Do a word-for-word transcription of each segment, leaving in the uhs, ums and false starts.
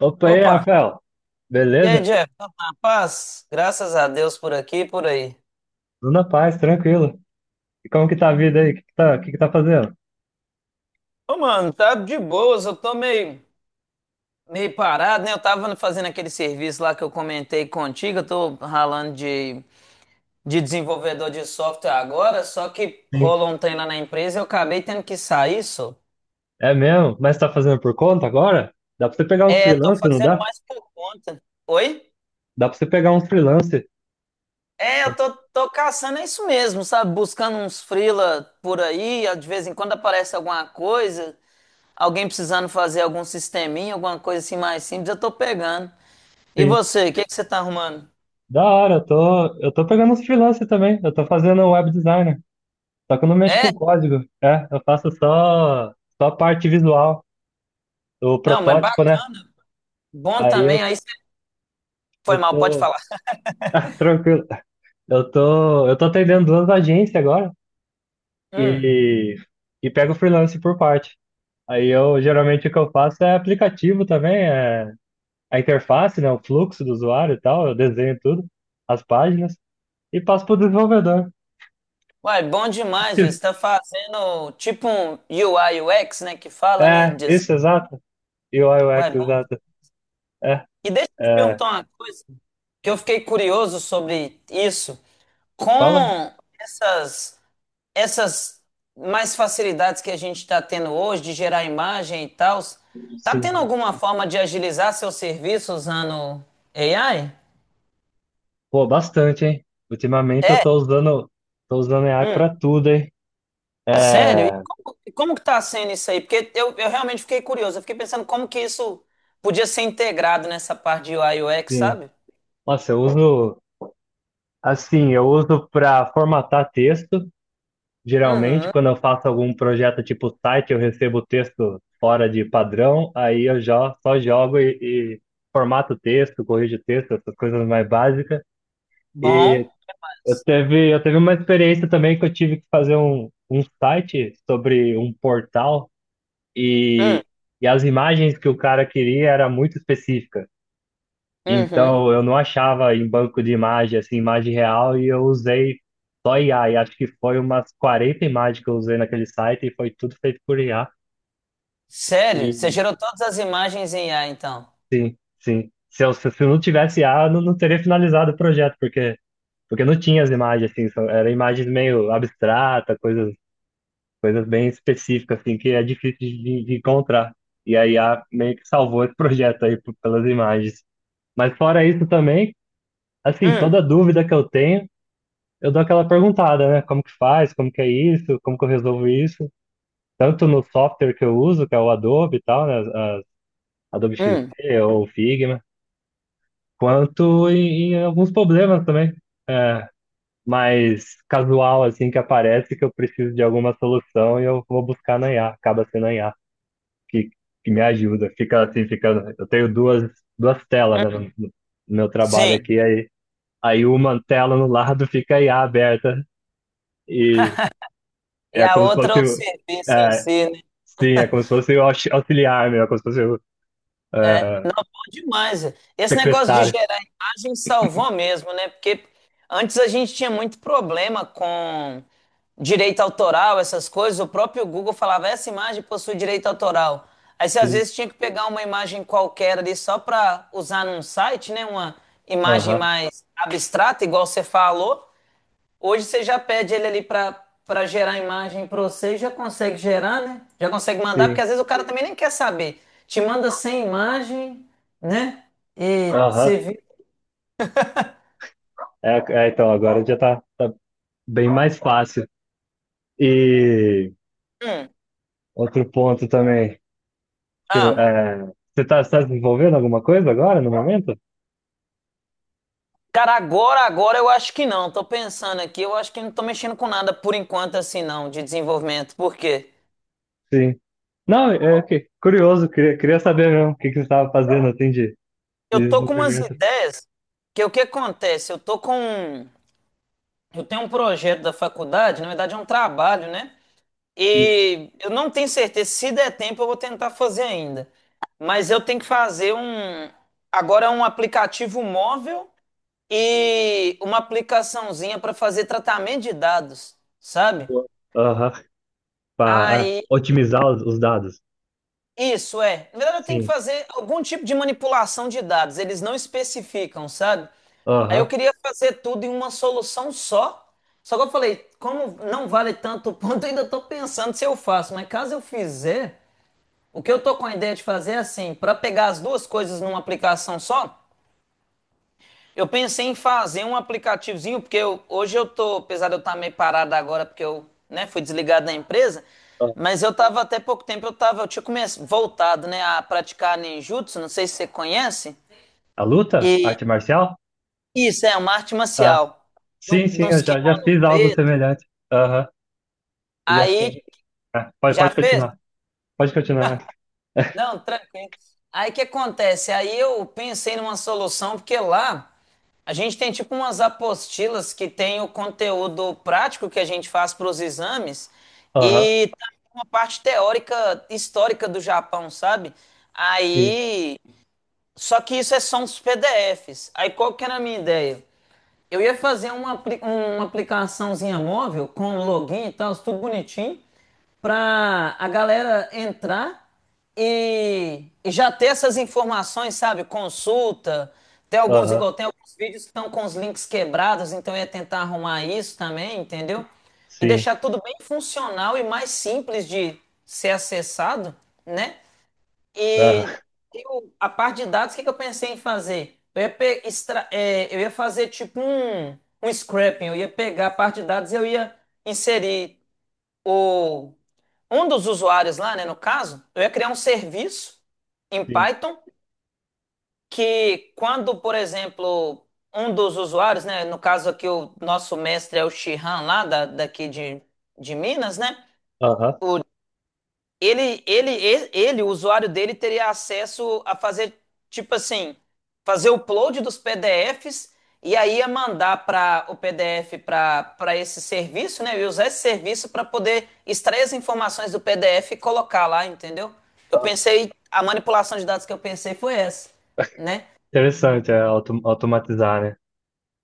Opa, e aí, Opa! Rafael? E aí, Beleza? Jeff? Tá na paz? Graças a Deus, por aqui e por aí. Tudo na paz, tranquilo. E como que tá a vida aí? O que que tá, o que que tá fazendo? Ô, mano, tá de boas. Eu tô meio, meio parado, né? Eu tava fazendo aquele serviço lá que eu comentei contigo. Eu tô ralando de, de desenvolvedor de software agora, só que Sim. rolou um trem lá na empresa e eu acabei tendo que sair, só. É mesmo? Mas tá fazendo por conta agora? Dá pra você pegar uns É, tô freelance, não fazendo dá? mais por conta. Oi? Dá pra você pegar uns freelance. É, eu tô, tô caçando é isso mesmo, sabe? Buscando uns freela por aí, de vez em quando aparece alguma coisa. Alguém precisando fazer algum sisteminha, alguma coisa assim mais simples, eu tô pegando. E Sim. você, o que que você tá arrumando? Da hora, eu tô, eu tô pegando uns freelance também. Eu tô fazendo um web designer. Só que eu não mexo É? com código. É, eu faço só, só a parte visual, o Não, mas bac- protótipo, né? bom Aí eu, também, aí você foi eu mal, pode tô. falar. Ah, tranquilo. Eu tô, eu tô atendendo duas agências agora, Hum. e, e pego o freelance por parte. Aí eu geralmente o que eu faço é aplicativo também, é a interface, né, o fluxo do usuário e tal, eu desenho tudo, as páginas, e passo para o desenvolvedor. Uai, bom demais, velho. Você tá fazendo tipo um U I, U X, né, que fala, né? É, Design. isso, exato. E o Uai, U X, bom. exato. É, E deixa eu te é, perguntar uma coisa, que eu fiquei curioso sobre isso. fala, Com essas essas mais facilidades que a gente está tendo hoje de gerar imagem e tal, tá sim. tendo alguma forma de agilizar seu serviço usando A I? Pô, bastante, hein? Ultimamente eu É? tô usando, tô usando A I Hum. para tudo, hein? Sério? E É, como, e como que tá sendo isso aí? Porque eu, eu realmente fiquei curioso. Eu fiquei pensando como que isso podia ser integrado nessa parte de U I e U X, sim. sabe? Nossa, eu uso, assim, eu uso para formatar texto. Geralmente, Uhum. quando eu faço algum projeto tipo site, eu recebo o texto fora de padrão, aí eu já só jogo e, e formato o texto, corrijo o texto, essas coisas mais básicas. Bom. E eu teve, eu teve uma experiência também que eu tive que fazer um, um site sobre um portal Hum. e, e as imagens que o cara queria era muito específica. Uhum. Então, eu não achava em banco de imagem, assim, imagem real, e eu usei só I A. E acho que foi umas quarenta imagens que eu usei naquele site e foi tudo feito por I A. Sério? E Você gerou todas as imagens em A I, então? sim, sim. Se eu, se eu não tivesse I A, eu não, não teria finalizado o projeto, porque, porque não tinha as imagens, assim, são, eram imagens meio abstratas, coisas, coisas bem específicas, assim, que é difícil de, de encontrar. E a I A meio que salvou esse projeto aí p- pelas imagens. Mas fora isso também, assim, toda Hum. dúvida que eu tenho, eu dou aquela perguntada, né? Como que faz? Como que é isso? Como que eu resolvo isso? Tanto no software que eu uso, que é o Adobe e tal, né? as- as- Adobe Hum. X D ou Figma, quanto em, em alguns problemas também. É, mais casual, assim, que aparece que eu preciso de alguma solução e eu vou buscar na I A, acaba sendo a I A que, que me ajuda. Fica assim, fica. Eu tenho duas, duas telas, né, no, Hum. no meu trabalho Sim. aqui, aí, aí uma tela no lado fica a I A aberta. E E é a como se outra é fosse o o... serviço em É, si, né? sim, é como se fosse o aux- auxiliar, meu. É como se fosse o É, ah, não, bom demais. É. Esse negócio de secretário. gerar imagem salvou mesmo, né? Porque antes a gente tinha muito problema com direito autoral, essas coisas. O próprio Google falava, essa imagem possui direito autoral. Aí você às Sim. vezes tinha que pegar uma imagem qualquer ali só para usar num site, né? Uma imagem Aham. mais abstrata, igual você falou. Hoje você já pede ele ali para para gerar a imagem para você e já consegue gerar, né? Já consegue mandar, porque Sim. às vezes o cara também nem quer saber. Te manda sem imagem, né? E você Aham. vê. É, é, então, agora já tá, tá bem mais fácil. E outro ponto também. Deixa eu, Ah, é, você tá, você tá desenvolvendo alguma coisa agora, no momento? cara, agora, agora eu acho que não. Tô pensando aqui, eu acho que não tô mexendo com nada por enquanto, assim, não, de desenvolvimento. Por quê? Sim. Não, é que curioso, queria, queria saber mesmo o que, que você estava fazendo assim de de Eu tô com umas desenvolvimento. ideias, que o que acontece? Eu tô com um, eu tenho um projeto da faculdade, na verdade é um trabalho, né? Sim. E eu não tenho certeza, se der tempo eu vou tentar fazer ainda. Mas eu tenho que fazer um, agora, um aplicativo móvel e uma aplicaçãozinha para fazer tratamento de dados, sabe? Aham, para Aí, otimizar os, os dados. isso é. Na verdade, eu tenho que Sim. fazer algum tipo de manipulação de dados, eles não especificam, sabe? Aí eu Aham. queria fazer tudo em uma solução só. Só que eu falei, como não vale tanto ponto, eu ainda estou pensando se eu faço, mas caso eu fizer. O que eu tô com a ideia de fazer é assim, para pegar as duas coisas numa aplicação só, eu pensei em fazer um aplicativozinho, porque eu- hoje eu tô, apesar de eu estar meio parado agora, porque eu, né, fui desligado da empresa, mas eu tava até pouco tempo, eu tava, eu tinha começado, voltado, né, a praticar ninjutsu, não sei se você conhece, A luta? e Arte marcial? isso é uma arte Ah, marcial, de, um- sim, de sim, eu uns já, já kimono fiz algo preto, semelhante. Aham, eu já, eu aí ah, pode, já pode fez? continuar, pode continuar. Não, tranquilo. Aí o que acontece? Aí eu pensei numa solução, porque lá a gente tem tipo umas apostilas que tem o conteúdo prático que a gente faz para os exames Aham, e também uma parte teórica histórica do Japão, sabe? sim, Aí, só que isso é só uns P D Fs. Aí qual que era a minha ideia? Eu ia fazer uma, apli- uma aplicaçãozinha móvel com login e tal, tudo bonitinho, pra a galera entrar e, e já ter essas informações, sabe? Consulta, tem alguns, aham, igual tem alguns vídeos que estão com os links quebrados, então eu ia tentar arrumar isso também, entendeu? E sim, deixar tudo bem funcional e mais simples de ser acessado, né? aham, E tem o- a parte de dados, o que que eu pensei em fazer? Eu ia, pe- extra- é, eu ia fazer tipo um, um scraping, eu ia pegar a parte de dados e eu ia inserir o, um dos usuários lá, né, no caso, eu ia criar um serviço em sim, Python que quando, por exemplo, um dos usuários, né, no caso aqui o nosso mestre é o Shihan lá da, daqui de, de Minas, né, aham, o Ele, ele, ele, ele, o usuário dele teria acesso a fazer, tipo assim, fazer o upload dos P D Fs e aí ia mandar para o P D F para para esse serviço, né? E usar esse serviço para poder extrair as informações do P D F e colocar lá, entendeu? Eu aham. pensei, a manipulação de dados que eu pensei foi essa, né? Interessante, é auto, automatizar, né?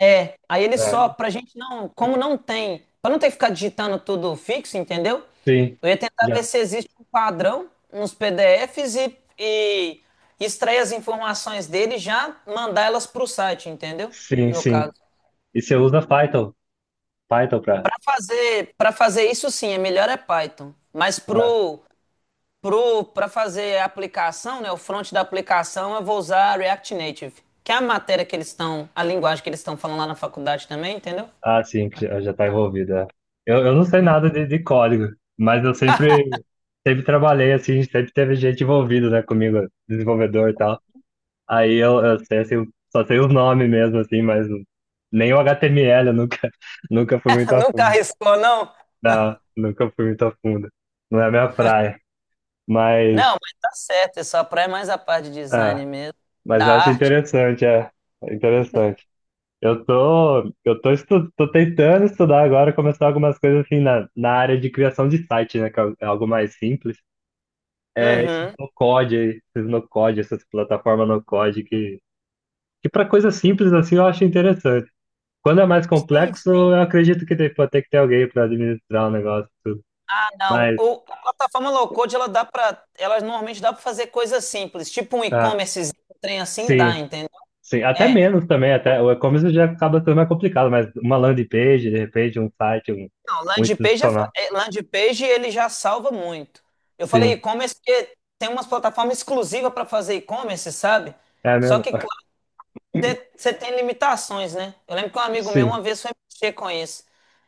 É, aí ele É, só, pra gente não, como não tem, pra não ter que ficar digitando tudo fixo, entendeu? sim, Eu ia tentar ver já, se existe um padrão nos P D Fs e, e extrair as informações dele e já mandar elas pro site, entendeu? sim, No sim. caso. E você usa Python, Python pra... Pra fazer, para fazer isso sim, é melhor é Python, mas Ah, pro pro para fazer a aplicação, né, o front da aplicação, eu vou usar React Native, que é a matéria que eles estão, a linguagem que eles estão falando lá na faculdade também, entendeu? ah, sim, que já, já tá envolvido, é. Eu, eu não sei nada de, de código, mas eu sempre, sempre trabalhei assim, sempre teve gente envolvida, né, comigo, desenvolvedor e tal. Aí eu, eu sei, assim, só sei os nomes mesmo, assim, mas nem o H T M L eu nunca, nunca fui muito a Nunca fundo. arriscou, não? Não, nunca fui muito a fundo. Não é a minha praia. Mas, Não, mas tá certo, é só pra é mais a parte de ah, design mesmo, mas da eu acho arte. interessante, é, é interessante. Eu tô, eu tô, estu, tô tentando estudar agora, começar algumas coisas assim na, na área de criação de site, né, que é algo mais simples. É, esses Uhum. no code, aí, esses no code, essas plataformas no code que, que para coisas simples assim eu acho interessante. Quando é mais Sim, complexo, sim. eu acredito que tem- pode ter que ter alguém para administrar o negócio e tudo. Ah, não. Mas, O, a plataforma low code, ela dá para, ela normalmente dá para fazer coisas simples, tipo um ah, e-commerce, um trem assim dá, sim, entendeu? sim. Até É. menos também, até o e-commerce já acaba sendo mais complicado, mas uma landing page, de repente, um site, um, Não, um landing page, é, fa- institucional. é, landing page ele já salva muito. Eu falei Sim, e-commerce porque tem umas plataformas exclusivas para fazer e-commerce, sabe? é Só mesmo. que você tem limitações, né? Eu lembro que um amigo meu uma Sim, vez foi mexer com isso.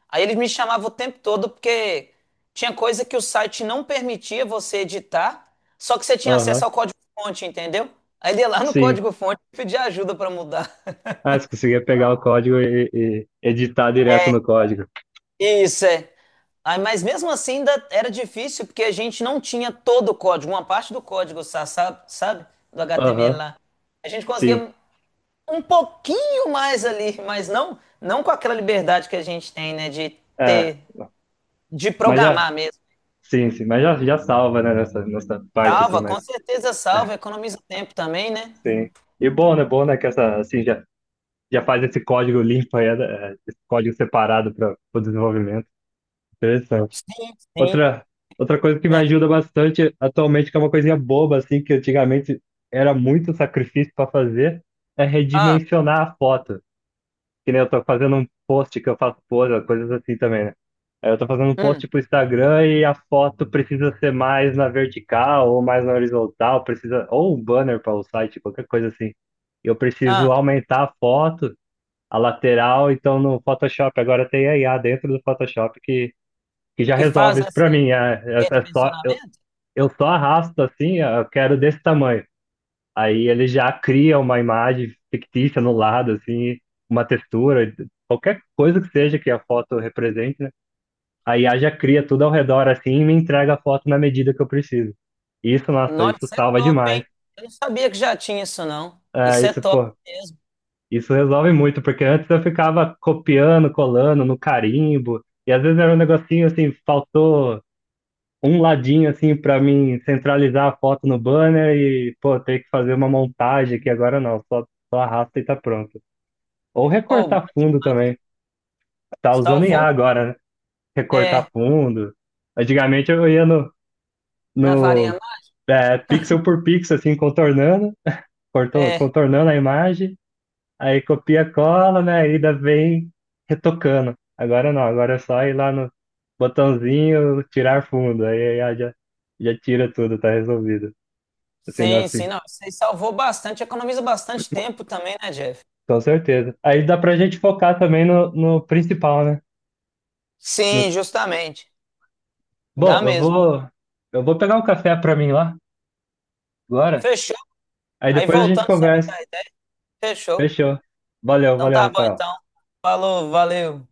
Aí ele me chamava o tempo todo porque tinha coisa que o site não permitia você editar, só que você tinha aham, acesso ao código-fonte, entendeu? Aí ele ia lá no sim. código-fonte e pedia ajuda para mudar. Ah, se conseguir pegar o código e, e editar direto no código. Isso é. Aí, mas mesmo assim ainda era difícil porque a gente não tinha todo o código, uma parte do código, sa- sa- sabe? Do H T M L Aham, lá. A gente sim. conseguia um pouquinho mais ali, mas não, não com aquela liberdade que a gente tem, né, de É, ter, de mas já, programar mesmo. sim, sim, mas já, já salva, né, nessa, nessa parte, assim, Salva, com mas, certeza salva, é, economiza tempo também, né? sim. E bom, né, bom, né, que essa, assim, já já faz esse código limpo aí, né? É, esse código separado para o desenvolvimento. Interessante. Sim, sim. Outra, outra coisa que me Melhor. ajuda bastante atualmente, que é uma coisinha boba, assim, que antigamente era muito sacrifício para fazer, é Ah, redimensionar a foto. Que nem eu tô fazendo um post que eu faço pose, coisas assim também, né? Aí eu tô fazendo um hum, post pro Instagram e a foto precisa ser mais na vertical ou mais na horizontal, precisa, ou um banner para o site, qualquer coisa assim. Eu ah, preciso aumentar a foto a lateral, então no Photoshop agora tem a I A dentro do Photoshop que, que já que resolve faz isso para assim, mim. É, é, é só, eu, redimensionamento? eu só arrasto assim, ó, eu quero desse tamanho. Aí ele já cria uma imagem fictícia no lado, assim, uma textura, qualquer coisa que seja que a foto represente, né? A I A já cria tudo ao redor assim e me entrega a foto na medida que eu preciso. Isso, nossa, Nossa, isso isso é salva top, demais. hein? Eu não sabia que já tinha isso, não. É, Isso é isso, top pô, mesmo. isso resolve muito, porque antes eu ficava copiando, colando no carimbo, e às vezes era um negocinho assim, faltou um ladinho assim para mim centralizar a foto no banner e, pô, ter que fazer uma montagem aqui agora não, só, só arrasta e tá pronto. Ou Oh, bom recortar fundo demais. também. Tá usando I Salvou? A agora, né? Recortar É, fundo. Antigamente eu ia no, na varinha. no ma- é, pixel por pixel, assim, contornando, cortou- É, contornando a imagem. Aí copia, cola, né? Aí ainda vem retocando. Agora não, agora é só ir lá no botãozinho, tirar fundo. Aí, aí já, já tira tudo, tá resolvido. Assim, sim, nossa, sim, não. Isso aí salvou bastante, economiza bastante tempo também, né, Jeff? com certeza. Aí dá pra gente focar também no, no principal, né? No... Sim, justamente. Dá Bom, eu mesmo. vou, eu vou pegar um café pra mim lá, agora. Fechou. Aí Aí depois a gente voltando, você me conversa. dá a ideia. Fechou. Fechou. Valeu, Então valeu, tá bom, Rafael. então. Falou, valeu.